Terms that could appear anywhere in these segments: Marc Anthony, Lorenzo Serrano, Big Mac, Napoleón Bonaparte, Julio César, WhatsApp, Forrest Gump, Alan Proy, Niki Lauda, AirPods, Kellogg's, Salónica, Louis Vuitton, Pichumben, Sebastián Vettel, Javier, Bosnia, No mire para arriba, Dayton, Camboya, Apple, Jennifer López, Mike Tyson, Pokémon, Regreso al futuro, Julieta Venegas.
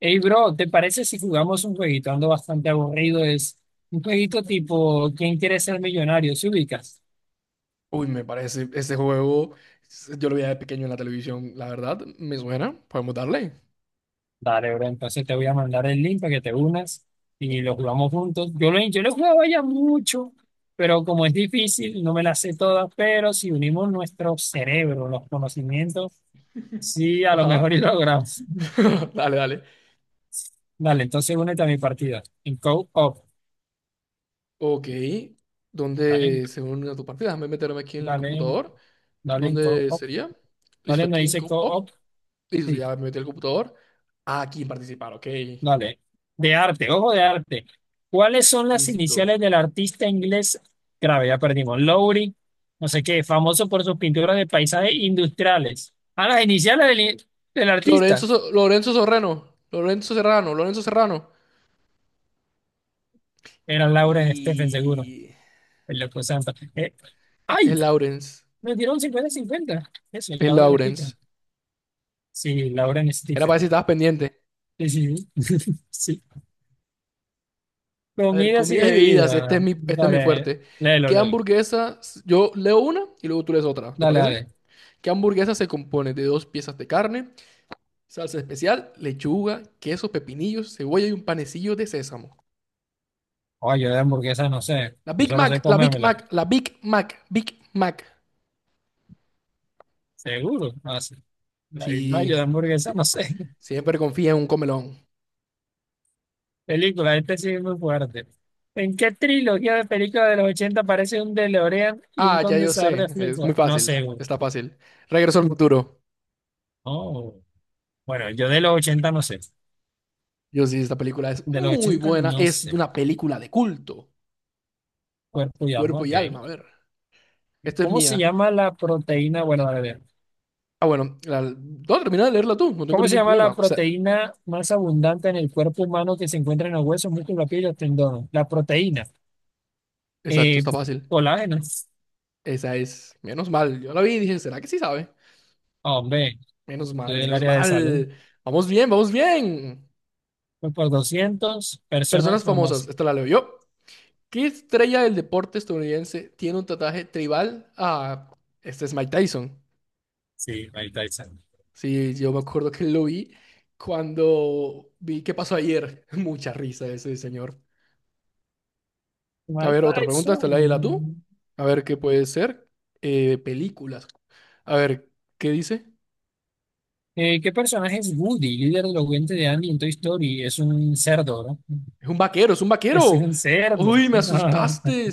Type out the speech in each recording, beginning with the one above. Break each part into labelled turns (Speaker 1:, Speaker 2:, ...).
Speaker 1: Hey, bro, ¿te parece si jugamos un jueguito? Ando bastante aburrido. Es un jueguito tipo ¿Quién quiere ser millonario? ¿Se ubicas?
Speaker 2: Uy, me parece, ese juego, yo lo veía de pequeño en la televisión, la verdad, me suena, podemos darle.
Speaker 1: Dale, bro, entonces te voy a mandar el link para que te unas y lo jugamos juntos. Yo lo jugaba ya mucho, pero como es difícil, no me las sé todas, pero si unimos nuestro cerebro, los conocimientos, sí, a lo
Speaker 2: Ajá,
Speaker 1: mejor y logramos.
Speaker 2: dale, dale.
Speaker 1: Dale, entonces únete a mi partida. En co-op.
Speaker 2: Ok,
Speaker 1: Dale,
Speaker 2: ¿dónde se une a tu partida? Déjame meterme aquí en el
Speaker 1: dale,
Speaker 2: computador.
Speaker 1: dale en
Speaker 2: ¿Dónde
Speaker 1: co-op.
Speaker 2: sería? Listo,
Speaker 1: Dale, me
Speaker 2: aquí en
Speaker 1: dice co-op.
Speaker 2: Oh, listo, sí,
Speaker 1: Sí.
Speaker 2: ya me metí al computador. Ah, aquí en participar, ok.
Speaker 1: Dale, de arte, ojo de arte. ¿Cuáles son las
Speaker 2: Listo.
Speaker 1: iniciales del artista inglés? Grave, ya perdimos. Lowry, no sé qué, famoso por sus pinturas de paisajes industriales. Ah, las iniciales del artista.
Speaker 2: Lorenzo, Lorenzo Serrano, Lorenzo Serrano, Lorenzo Serrano.
Speaker 1: Era Lauren Stephen, seguro.
Speaker 2: Y.
Speaker 1: El loco Santa.
Speaker 2: Es
Speaker 1: ¡Ay!
Speaker 2: Lawrence,
Speaker 1: Me dieron 50 cincuenta. Eso,
Speaker 2: es
Speaker 1: Lauren Stephen.
Speaker 2: Lawrence.
Speaker 1: Sí, Lauren
Speaker 2: Era para ver si
Speaker 1: Stephen.
Speaker 2: estabas pendiente.
Speaker 1: Sí, sí, sí. Sí.
Speaker 2: A ver,
Speaker 1: Comidas y
Speaker 2: comidas y bebidas, este es
Speaker 1: bebidas.
Speaker 2: mi, este es mi
Speaker 1: Dale,
Speaker 2: fuerte.
Speaker 1: léelo,
Speaker 2: ¿Qué
Speaker 1: léelo.
Speaker 2: hamburguesa? Yo leo una y luego tú lees otra, ¿te
Speaker 1: Dale,
Speaker 2: parece?
Speaker 1: dale.
Speaker 2: ¿Qué hamburguesa se compone de dos piezas de carne, salsa especial, lechuga, queso, pepinillos, cebolla y un panecillo de sésamo?
Speaker 1: Oye, yo de hamburguesa no sé.
Speaker 2: La
Speaker 1: Yo
Speaker 2: Big
Speaker 1: solo sé
Speaker 2: Mac, la Big
Speaker 1: comérmela.
Speaker 2: Mac, la Big Mac, Big Mac.
Speaker 1: Seguro, no sé. La Big Mac,
Speaker 2: Sí,
Speaker 1: yo de hamburguesa, no sé.
Speaker 2: siempre confía en un comelón.
Speaker 1: Película, este sí es muy fuerte. ¿En qué trilogía de películas de los 80 aparece un DeLorean y un
Speaker 2: Ah, ya yo
Speaker 1: condensador de
Speaker 2: sé, es
Speaker 1: flujo?
Speaker 2: muy
Speaker 1: No
Speaker 2: fácil,
Speaker 1: sé, güey.
Speaker 2: está fácil. Regreso al futuro.
Speaker 1: Oh. Bueno, yo de los 80 no sé.
Speaker 2: Yo sí, esta película es
Speaker 1: De los
Speaker 2: muy
Speaker 1: 80
Speaker 2: buena,
Speaker 1: no
Speaker 2: es
Speaker 1: sé.
Speaker 2: una película de culto,
Speaker 1: Cuerpo y alma,
Speaker 2: cuerpo
Speaker 1: ok.
Speaker 2: y alma, a ver. Esta es
Speaker 1: ¿Cómo se
Speaker 2: mía.
Speaker 1: llama la proteína? Bueno, a ver.
Speaker 2: Ah, bueno, no, termina de leerla tú, no tengo
Speaker 1: ¿Cómo se
Speaker 2: ningún
Speaker 1: llama la
Speaker 2: problema. O sea,
Speaker 1: proteína más abundante en el cuerpo humano que se encuentra en los huesos, músculos, la piel y los tendones? La proteína.
Speaker 2: exacto,
Speaker 1: Eh,
Speaker 2: está fácil.
Speaker 1: colágeno.
Speaker 2: Esa es, menos mal. Yo la vi y dije, ¿será que sí sabe?
Speaker 1: Ah, hombre,
Speaker 2: Menos mal,
Speaker 1: estoy del
Speaker 2: menos
Speaker 1: área de
Speaker 2: mal.
Speaker 1: salud.
Speaker 2: Vamos bien, vamos bien.
Speaker 1: Fue por 200. Personas
Speaker 2: Personas famosas,
Speaker 1: famosas.
Speaker 2: esta la leo yo. ¿Qué estrella del deporte estadounidense tiene un tatuaje tribal? Ah, este es Mike Tyson.
Speaker 1: Sí, Mike Tyson.
Speaker 2: Sí, yo me acuerdo que lo vi cuando vi qué pasó ayer. Mucha risa ese señor. A
Speaker 1: Mike
Speaker 2: ver, otra pregunta, hasta la tú.
Speaker 1: Tyson.
Speaker 2: A ver, ¿qué puede ser? Películas. A ver, ¿qué dice?
Speaker 1: ¿Qué personaje es Woody, líder elocuente de Andy en Toy Story? Es un cerdo, ¿no?
Speaker 2: Es un vaquero, es un
Speaker 1: Es
Speaker 2: vaquero.
Speaker 1: un cerdo.
Speaker 2: Uy, me asustaste.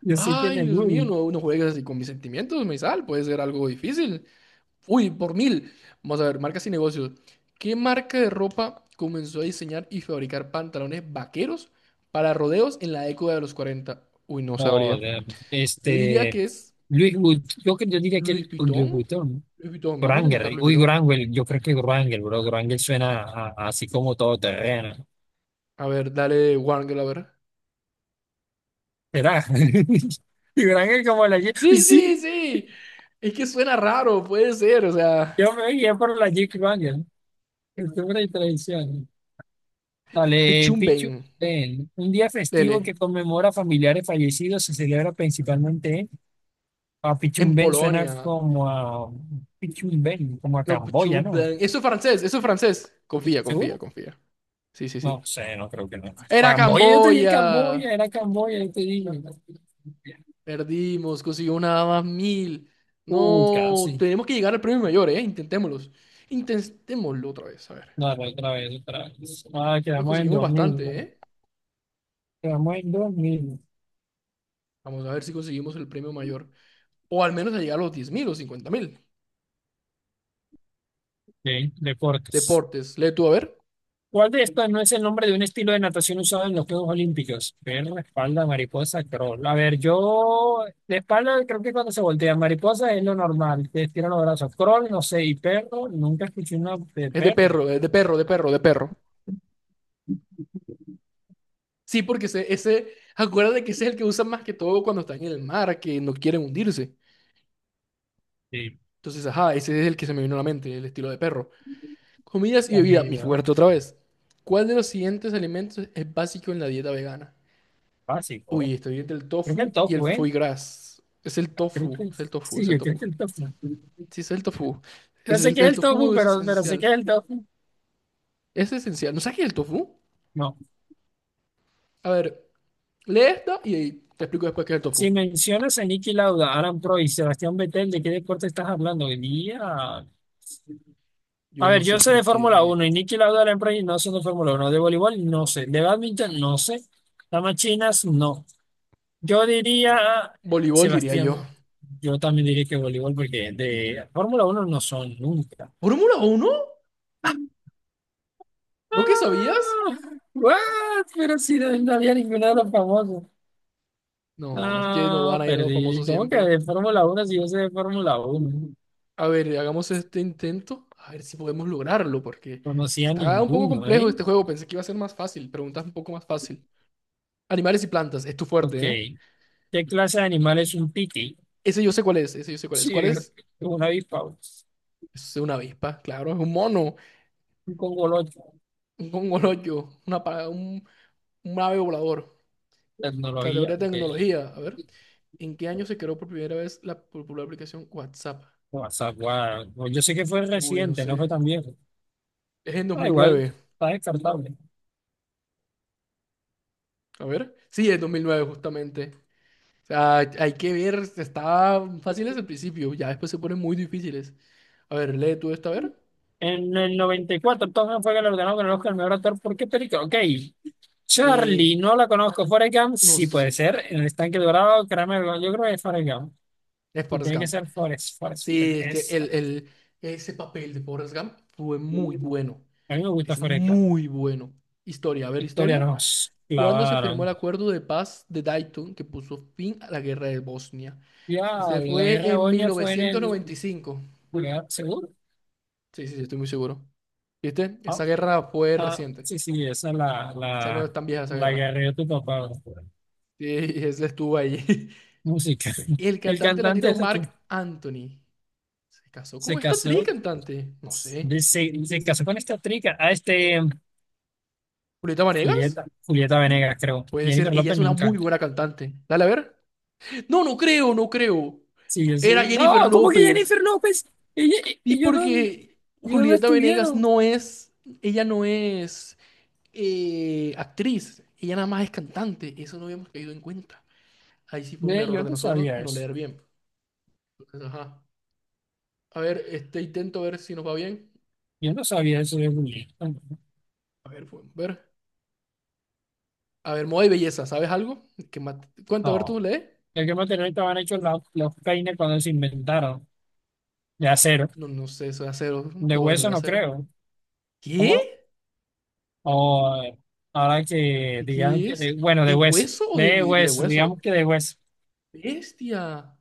Speaker 1: Yo sé quién
Speaker 2: Ay,
Speaker 1: es
Speaker 2: Dios mío,
Speaker 1: Woody.
Speaker 2: no, no juegues así con mis sentimientos, Meizal. Puede ser algo difícil. Uy, por 1000. Vamos a ver, marcas y negocios. ¿Qué marca de ropa comenzó a diseñar y fabricar pantalones vaqueros para rodeos en la década de los 40? Uy, no sabría.
Speaker 1: Joder.
Speaker 2: Yo diría
Speaker 1: Este.
Speaker 2: que es
Speaker 1: Luis Wood. Yo, yo diría que
Speaker 2: Louis
Speaker 1: el Luis
Speaker 2: Vuitton.
Speaker 1: Vuitton, ¿no?
Speaker 2: Louis Vuitton, vamos a intentar
Speaker 1: Granger.
Speaker 2: Louis
Speaker 1: Uy,
Speaker 2: Vuitton.
Speaker 1: Granger. Yo creo que Granger, bro. Granger suena así como todo terreno.
Speaker 2: A ver, dale One Girl, a ver.
Speaker 1: ¿Será? Y Granger como la Jeep.
Speaker 2: Sí, sí,
Speaker 1: Sí,
Speaker 2: sí. Es que suena raro, puede ser. O sea,
Speaker 1: yo me guié por la Jeep Granger. Cultura y tradiciones. Dale, Pichu.
Speaker 2: Pichumben,
Speaker 1: Ven, un día festivo que
Speaker 2: dele.
Speaker 1: conmemora familiares fallecidos se celebra principalmente en a
Speaker 2: En
Speaker 1: Pichumbén, suena
Speaker 2: Polonia.
Speaker 1: como a Pichumbén, como a
Speaker 2: No,
Speaker 1: Camboya, ¿no?
Speaker 2: Pichumben. Eso es francés, eso es francés. Confía, confía,
Speaker 1: ¿Seguro?
Speaker 2: confía. Sí, sí,
Speaker 1: No
Speaker 2: sí.
Speaker 1: sé, no creo que no.
Speaker 2: Era
Speaker 1: Camboya, yo te dije
Speaker 2: Camboya.
Speaker 1: Camboya, era Camboya, yo te dije.
Speaker 2: Perdimos, consiguió nada más 1000.
Speaker 1: Uy,
Speaker 2: No,
Speaker 1: casi.
Speaker 2: tenemos que llegar al premio mayor, ¿eh? Intentémoslo. Intentémoslo otra vez, a ver.
Speaker 1: Dale, otra vez, otra vez. Ah,
Speaker 2: Lo
Speaker 1: quedamos en
Speaker 2: conseguimos
Speaker 1: 2000,
Speaker 2: bastante,
Speaker 1: ¿no?
Speaker 2: ¿eh?
Speaker 1: Quedamos en 2000.
Speaker 2: Vamos a ver si conseguimos el premio mayor. O al menos a llegar a los 10.000 o 50.000.
Speaker 1: Ok, deportes.
Speaker 2: Deportes, lee tú, a ver.
Speaker 1: ¿Cuál de estos no es el nombre de un estilo de natación usado en los Juegos Olímpicos? Perro, espalda, mariposa, crawl. A ver, yo de espalda creo que cuando se voltea mariposa es lo normal, te estiran los brazos. Crawl, no sé, y perro, nunca escuché una de perro.
Speaker 2: Es de perro, de perro, de perro. Sí, porque ese, acuérdate que ese es el que usan más que todo cuando están en el mar, que no quieren hundirse.
Speaker 1: Sí,
Speaker 2: Entonces, ajá, ese es el que se me vino a la mente, el estilo de perro. Comidas y bebida, mi
Speaker 1: comida,
Speaker 2: fuerte otra vez. ¿Cuál de los siguientes alimentos es básico en la dieta vegana?
Speaker 1: básico.
Speaker 2: Uy, estoy entre el
Speaker 1: Creo que el
Speaker 2: tofu y el
Speaker 1: tofu, ¿eh?
Speaker 2: foie gras. Es el
Speaker 1: Creo
Speaker 2: tofu,
Speaker 1: que
Speaker 2: es el tofu,
Speaker 1: sí,
Speaker 2: es el
Speaker 1: yo creo
Speaker 2: tofu.
Speaker 1: que el tofu.
Speaker 2: Sí, es el tofu.
Speaker 1: No
Speaker 2: Es
Speaker 1: sé
Speaker 2: el,
Speaker 1: qué es
Speaker 2: el
Speaker 1: el tofu,
Speaker 2: tofu es
Speaker 1: pero sé qué
Speaker 2: esencial.
Speaker 1: es el tofu.
Speaker 2: Es esencial. ¿No sabes qué es el tofu?
Speaker 1: No.
Speaker 2: A ver, lee esto y te explico después qué es el tofu.
Speaker 1: Si mencionas a Niki Lauda, Alan Proy, y Sebastián Vettel, ¿de qué deporte estás hablando? Día. A
Speaker 2: Yo no
Speaker 1: ver,
Speaker 2: sé
Speaker 1: yo sé
Speaker 2: por
Speaker 1: de Fórmula
Speaker 2: qué.
Speaker 1: uno y Niki Lauda la empresa no sé de Fórmula 1. De voleibol no sé. De badminton no sé. Damas chinas no. Yo diría,
Speaker 2: Voleibol, diría yo.
Speaker 1: Sebastián, yo también diría que voleibol porque de Fórmula 1 no son nunca.
Speaker 2: ¿Fórmula uno? ¿No que sabías?
Speaker 1: Ah, what? Pero si no, no había ninguno de los famosos.
Speaker 2: No, es que no
Speaker 1: Ah,
Speaker 2: van a ir a los
Speaker 1: perdí.
Speaker 2: famosos
Speaker 1: ¿Cómo que
Speaker 2: siempre.
Speaker 1: de Fórmula 1 si yo sé de Fórmula 1?
Speaker 2: A ver, hagamos este intento. A ver si podemos lograrlo, porque
Speaker 1: Conocía
Speaker 2: está un poco
Speaker 1: ninguno,
Speaker 2: complejo
Speaker 1: ¿eh?
Speaker 2: este juego. Pensé que iba a ser más fácil. Preguntas un poco más fácil. Animales y plantas, es tu
Speaker 1: Ok.
Speaker 2: fuerte, ¿eh?
Speaker 1: ¿Qué clase de animal es un piti?
Speaker 2: Ese yo sé cuál es, ese yo sé cuál es.
Speaker 1: Sí,
Speaker 2: ¿Cuál es?
Speaker 1: un avispavo.
Speaker 2: Es una avispa, claro, es un mono,
Speaker 1: Con Congolo
Speaker 2: un congolollo, un ave volador.
Speaker 1: tecnología
Speaker 2: Categoría de
Speaker 1: que
Speaker 2: tecnología, a ver. ¿En qué año se creó por primera vez la popular aplicación WhatsApp?
Speaker 1: WhatsApp, guau. Pues yo sé que fue
Speaker 2: Uy, no
Speaker 1: reciente, no fue
Speaker 2: sé.
Speaker 1: tan viejo.
Speaker 2: Es en
Speaker 1: Ah, igual,
Speaker 2: 2009.
Speaker 1: está descartable.
Speaker 2: A ver. Sí, es 2009 justamente. O sea, hay que ver. Estaban fáciles al principio. Ya después se ponen muy difíciles. A ver, lee tú esta, a ver.
Speaker 1: En el 94, Tom fue galardonado con el Oscar al mejor actor. ¿Por qué película? Ok.
Speaker 2: Eh,
Speaker 1: Charlie, no la conozco. Forrest Gump,
Speaker 2: no
Speaker 1: sí puede
Speaker 2: sé.
Speaker 1: ser. En el estanque dorado, Kramer, yo creo que es Forrest Gump.
Speaker 2: Es
Speaker 1: Y
Speaker 2: Forrest
Speaker 1: tiene que
Speaker 2: Gump.
Speaker 1: ser Forrest, Forrest, Forrest,
Speaker 2: Sí, es que
Speaker 1: esa.
Speaker 2: ese papel de Forrest Gump fue muy bueno.
Speaker 1: A mí me gusta
Speaker 2: Es
Speaker 1: Forrest Gump.
Speaker 2: muy bueno. Historia, a ver,
Speaker 1: Historia
Speaker 2: historia.
Speaker 1: nos
Speaker 2: ¿Cuándo se firmó el
Speaker 1: clavaron.
Speaker 2: acuerdo de paz de Dayton que puso fin a la guerra de Bosnia?
Speaker 1: Ya,
Speaker 2: Este
Speaker 1: la guerra
Speaker 2: fue
Speaker 1: de
Speaker 2: en
Speaker 1: Boña fue en el...
Speaker 2: 1995.
Speaker 1: lugar. ¿Seguro?
Speaker 2: Sí, sí, sí, estoy muy seguro. ¿Viste?
Speaker 1: Ah,
Speaker 2: Esa guerra fue
Speaker 1: ah,
Speaker 2: reciente. O
Speaker 1: sí, sí, esa es
Speaker 2: sea, no es tan vieja esa
Speaker 1: la
Speaker 2: guerra.
Speaker 1: guerrilla de tu papá.
Speaker 2: Sí, ese estuvo ahí.
Speaker 1: Música.
Speaker 2: Y el
Speaker 1: El
Speaker 2: cantante
Speaker 1: cantante
Speaker 2: latino
Speaker 1: ese que
Speaker 2: Marc Anthony se casó
Speaker 1: se
Speaker 2: con esta actriz
Speaker 1: casó,
Speaker 2: cantante. No sé.
Speaker 1: se casó con esta trica, a este
Speaker 2: ¿Julieta Vanegas?
Speaker 1: Julieta, Julieta Venegas, creo.
Speaker 2: Puede ser.
Speaker 1: Jennifer
Speaker 2: Ella
Speaker 1: López
Speaker 2: es una
Speaker 1: nunca.
Speaker 2: muy buena cantante. Dale a ver. No, no creo, no creo.
Speaker 1: Sí, yo
Speaker 2: Era
Speaker 1: sí.
Speaker 2: Jennifer
Speaker 1: No, ¿cómo que
Speaker 2: López.
Speaker 1: Jennifer López? Ella- e-
Speaker 2: Y
Speaker 1: Ellos, no,
Speaker 2: porque
Speaker 1: ellos no
Speaker 2: Julieta Venegas
Speaker 1: estuvieron.
Speaker 2: no es, ella no es actriz, ella nada más es cantante. Eso no habíamos caído en cuenta. Ahí sí fue un
Speaker 1: Ve,
Speaker 2: error
Speaker 1: yo
Speaker 2: de
Speaker 1: no
Speaker 2: nosotros
Speaker 1: sabía
Speaker 2: no
Speaker 1: eso.
Speaker 2: leer bien. Entonces, ajá. A ver, este intento ver si nos va bien.
Speaker 1: Yo no sabía eso de Julieta.
Speaker 2: A ver, podemos ver. A ver, moda y belleza, ¿sabes algo? Cuenta, a ver,
Speaker 1: No.
Speaker 2: tú lees.
Speaker 1: El que material estaban hechos los peines cuando se inventaron. De acero.
Speaker 2: No, no sé, eso de acero.
Speaker 1: De
Speaker 2: Bueno,
Speaker 1: hueso
Speaker 2: de
Speaker 1: no
Speaker 2: acero.
Speaker 1: creo. ¿Cómo?
Speaker 2: ¿Qué?
Speaker 1: O ahora que,
Speaker 2: ¿De
Speaker 1: digamos
Speaker 2: qué
Speaker 1: que,
Speaker 2: es?
Speaker 1: bueno,
Speaker 2: ¿De hueso o de,
Speaker 1: de
Speaker 2: vi- de
Speaker 1: hueso, digamos
Speaker 2: hueso?
Speaker 1: que de hueso.
Speaker 2: Bestia.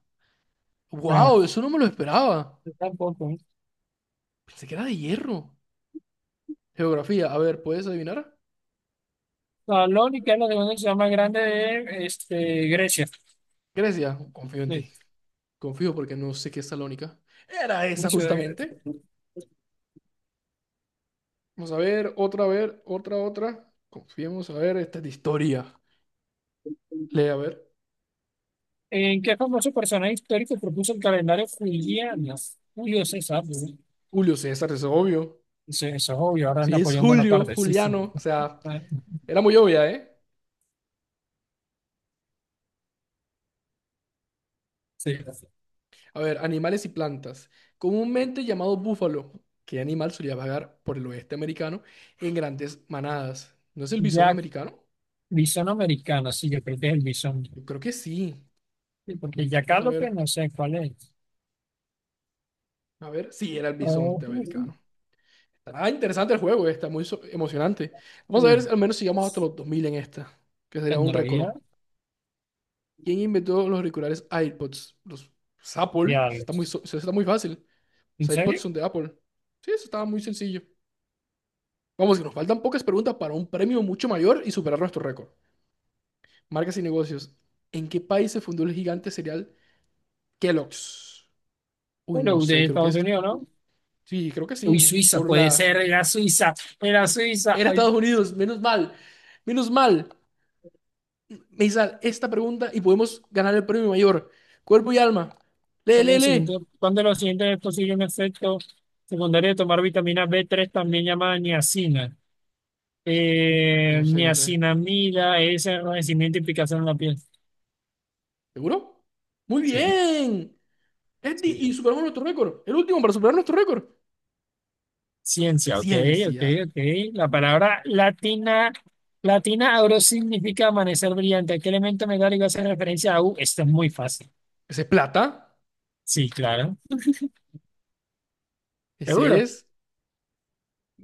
Speaker 1: Ah,
Speaker 2: Wow, eso no me lo esperaba.
Speaker 1: yo tampoco. ¿Eh?
Speaker 2: Pensé que era de hierro. Geografía, a ver, ¿puedes adivinar?
Speaker 1: No, lo único es lo de una ciudad más grande de este, Grecia.
Speaker 2: Grecia, confío en
Speaker 1: Sí,
Speaker 2: ti. Confío porque no sé qué es Salónica. Era
Speaker 1: una
Speaker 2: esa
Speaker 1: ciudad de Grecia.
Speaker 2: justamente. Vamos a ver, otra, otra. Confiemos, a ver, esta es de historia. Lee, a ver.
Speaker 1: ¿En qué famoso personaje histórico propuso el calendario juliano? Julio César, ¿no?
Speaker 2: Julio César, es obvio.
Speaker 1: Eso es obvio, ahora es
Speaker 2: Sí, es
Speaker 1: Napoleón
Speaker 2: Julio,
Speaker 1: Bonaparte, sí, sí.
Speaker 2: Juliano. O sea,
Speaker 1: Ah,
Speaker 2: era muy obvia, ¿eh?
Speaker 1: sí.
Speaker 2: A ver, animales y plantas. Comúnmente llamado búfalo. ¿Qué animal solía vagar por el oeste americano en grandes manadas? ¿No es el bisón
Speaker 1: Jack,
Speaker 2: americano?
Speaker 1: bisón americano, sí, yo creo que es el bisón.
Speaker 2: Yo creo que sí.
Speaker 1: Sí, porque Jack
Speaker 2: Vamos a
Speaker 1: López
Speaker 2: ver.
Speaker 1: no sé cuál es.
Speaker 2: A ver, sí, era el
Speaker 1: Oh.
Speaker 2: bisonte americano. Ah, interesante el juego, está muy emocionante. Vamos a ver, si
Speaker 1: Mm.
Speaker 2: al menos sigamos hasta los 2000 en esta, que sería un récord.
Speaker 1: Tecnología,
Speaker 2: ¿Quién inventó los auriculares AirPods? Los Apple. Eso está muy,
Speaker 1: diablos.
Speaker 2: eso está muy fácil.
Speaker 1: ¿En
Speaker 2: Los AirPods
Speaker 1: serio?
Speaker 2: son de Apple. Sí, eso estaba muy sencillo. Vamos, que nos faltan pocas preguntas para un premio mucho mayor y superar nuestro récord. Marcas y negocios. ¿En qué país se fundó el gigante cereal Kellogg's? Uy, no
Speaker 1: Bueno,
Speaker 2: sé,
Speaker 1: de
Speaker 2: creo que
Speaker 1: Estados
Speaker 2: es.
Speaker 1: Unidos, ¿no?
Speaker 2: Sí, creo que
Speaker 1: Uy,
Speaker 2: sí.
Speaker 1: Suiza,
Speaker 2: Por
Speaker 1: puede
Speaker 2: la.
Speaker 1: ser, era Suiza, era Suiza.
Speaker 2: Era
Speaker 1: Ay,
Speaker 2: Estados Unidos, menos mal. Menos mal. Me hizo esta pregunta y podemos ganar el premio mayor. Cuerpo y alma. Lee,
Speaker 1: ¿cuándo
Speaker 2: lee,
Speaker 1: el siguiente,
Speaker 2: lee.
Speaker 1: cuando lo siguiente es posible un efecto secundario de tomar vitamina B3, también llamada niacina?
Speaker 2: No sé, no sé.
Speaker 1: Niacinamida es enrojecimiento y picazón en la piel.
Speaker 2: ¿Seguro? Muy
Speaker 1: Sí,
Speaker 2: bien. Y
Speaker 1: sí.
Speaker 2: superamos nuestro récord. El último para superar nuestro récord.
Speaker 1: Ciencia, ok, ok,
Speaker 2: Ciencia.
Speaker 1: ok. La palabra latina, latina auro significa amanecer brillante. ¿A qué elemento metálico hace referencia a U? Esto es muy fácil.
Speaker 2: Ese es plata.
Speaker 1: Sí, claro,
Speaker 2: Ese
Speaker 1: seguro.
Speaker 2: es.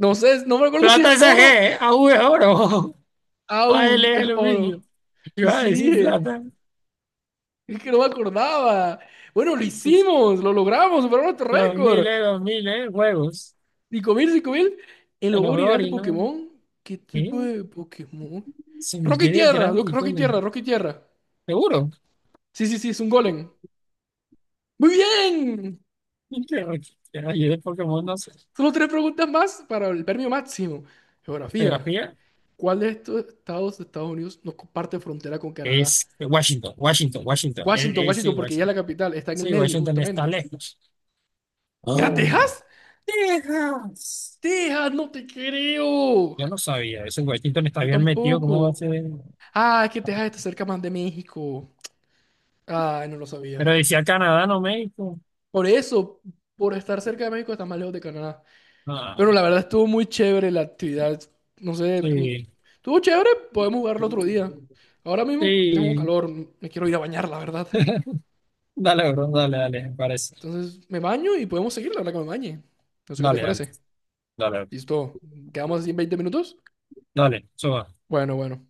Speaker 2: No sé, no me acuerdo si es
Speaker 1: Plata es AG,
Speaker 2: oro.
Speaker 1: ¿eh? AU es oro,
Speaker 2: Au,
Speaker 1: AL es
Speaker 2: es
Speaker 1: aluminio.
Speaker 2: oro.
Speaker 1: Yo
Speaker 2: Y
Speaker 1: iba a
Speaker 2: sí
Speaker 1: decir
Speaker 2: dije.
Speaker 1: plata.
Speaker 2: Es que no me acordaba. Bueno, lo
Speaker 1: Sí, sí.
Speaker 2: hicimos. Lo logramos. Superamos nuestro récord.
Speaker 1: Los miles, juegos.
Speaker 2: 5000, 5000. El
Speaker 1: En
Speaker 2: logo
Speaker 1: los juegos,
Speaker 2: original de
Speaker 1: ¿no?
Speaker 2: Pokémon. ¿Qué
Speaker 1: Mira,
Speaker 2: tipo de Pokémon?
Speaker 1: se me
Speaker 2: Roca y
Speaker 1: quiere
Speaker 2: tierra.
Speaker 1: grande el
Speaker 2: Roca y
Speaker 1: pelo.
Speaker 2: tierra. Roca y tierra.
Speaker 1: Seguro.
Speaker 2: Sí, sí, sí. Es un golem. Muy bien.
Speaker 1: Yo de Pokémon no sé.
Speaker 2: Solo tres preguntas más para el premio máximo. Geografía.
Speaker 1: Geografía.
Speaker 2: ¿Cuál de estos estados de Estados Unidos no comparte frontera con Canadá?
Speaker 1: Es Washington, Washington, Washington.
Speaker 2: Washington,
Speaker 1: Es, sí,
Speaker 2: Washington, porque ya es la
Speaker 1: Washington.
Speaker 2: capital, está en el
Speaker 1: Sí,
Speaker 2: medio,
Speaker 1: Washington está
Speaker 2: justamente.
Speaker 1: lejos.
Speaker 2: ¿Era
Speaker 1: Ah,
Speaker 2: Texas?
Speaker 1: Texas.
Speaker 2: Texas, no te creo.
Speaker 1: Yo no sabía eso. Washington está
Speaker 2: Yo
Speaker 1: bien metido. ¿Cómo va a
Speaker 2: tampoco.
Speaker 1: ser?
Speaker 2: Ah, es que Texas está cerca más de México. Ah, no lo
Speaker 1: Pero
Speaker 2: sabía.
Speaker 1: decía Canadá, no México.
Speaker 2: Por eso, por estar cerca de México, está más lejos de Canadá.
Speaker 1: Ah,
Speaker 2: Pero la verdad estuvo muy chévere la actividad. No sé,
Speaker 1: sí.
Speaker 2: estuvo chévere, podemos jugarlo otro día. Ahora mismo tengo
Speaker 1: Sí.
Speaker 2: calor, me quiero ir a bañar, la verdad.
Speaker 1: Dale, bro. Dale, dale. Me parece.
Speaker 2: Entonces me baño y podemos seguir la hora que me bañe. No sé qué te
Speaker 1: Dale, dale.
Speaker 2: parece.
Speaker 1: Dale, dale.
Speaker 2: Listo, quedamos así en 20 minutos.
Speaker 1: Dale, suba.
Speaker 2: Bueno, bueno.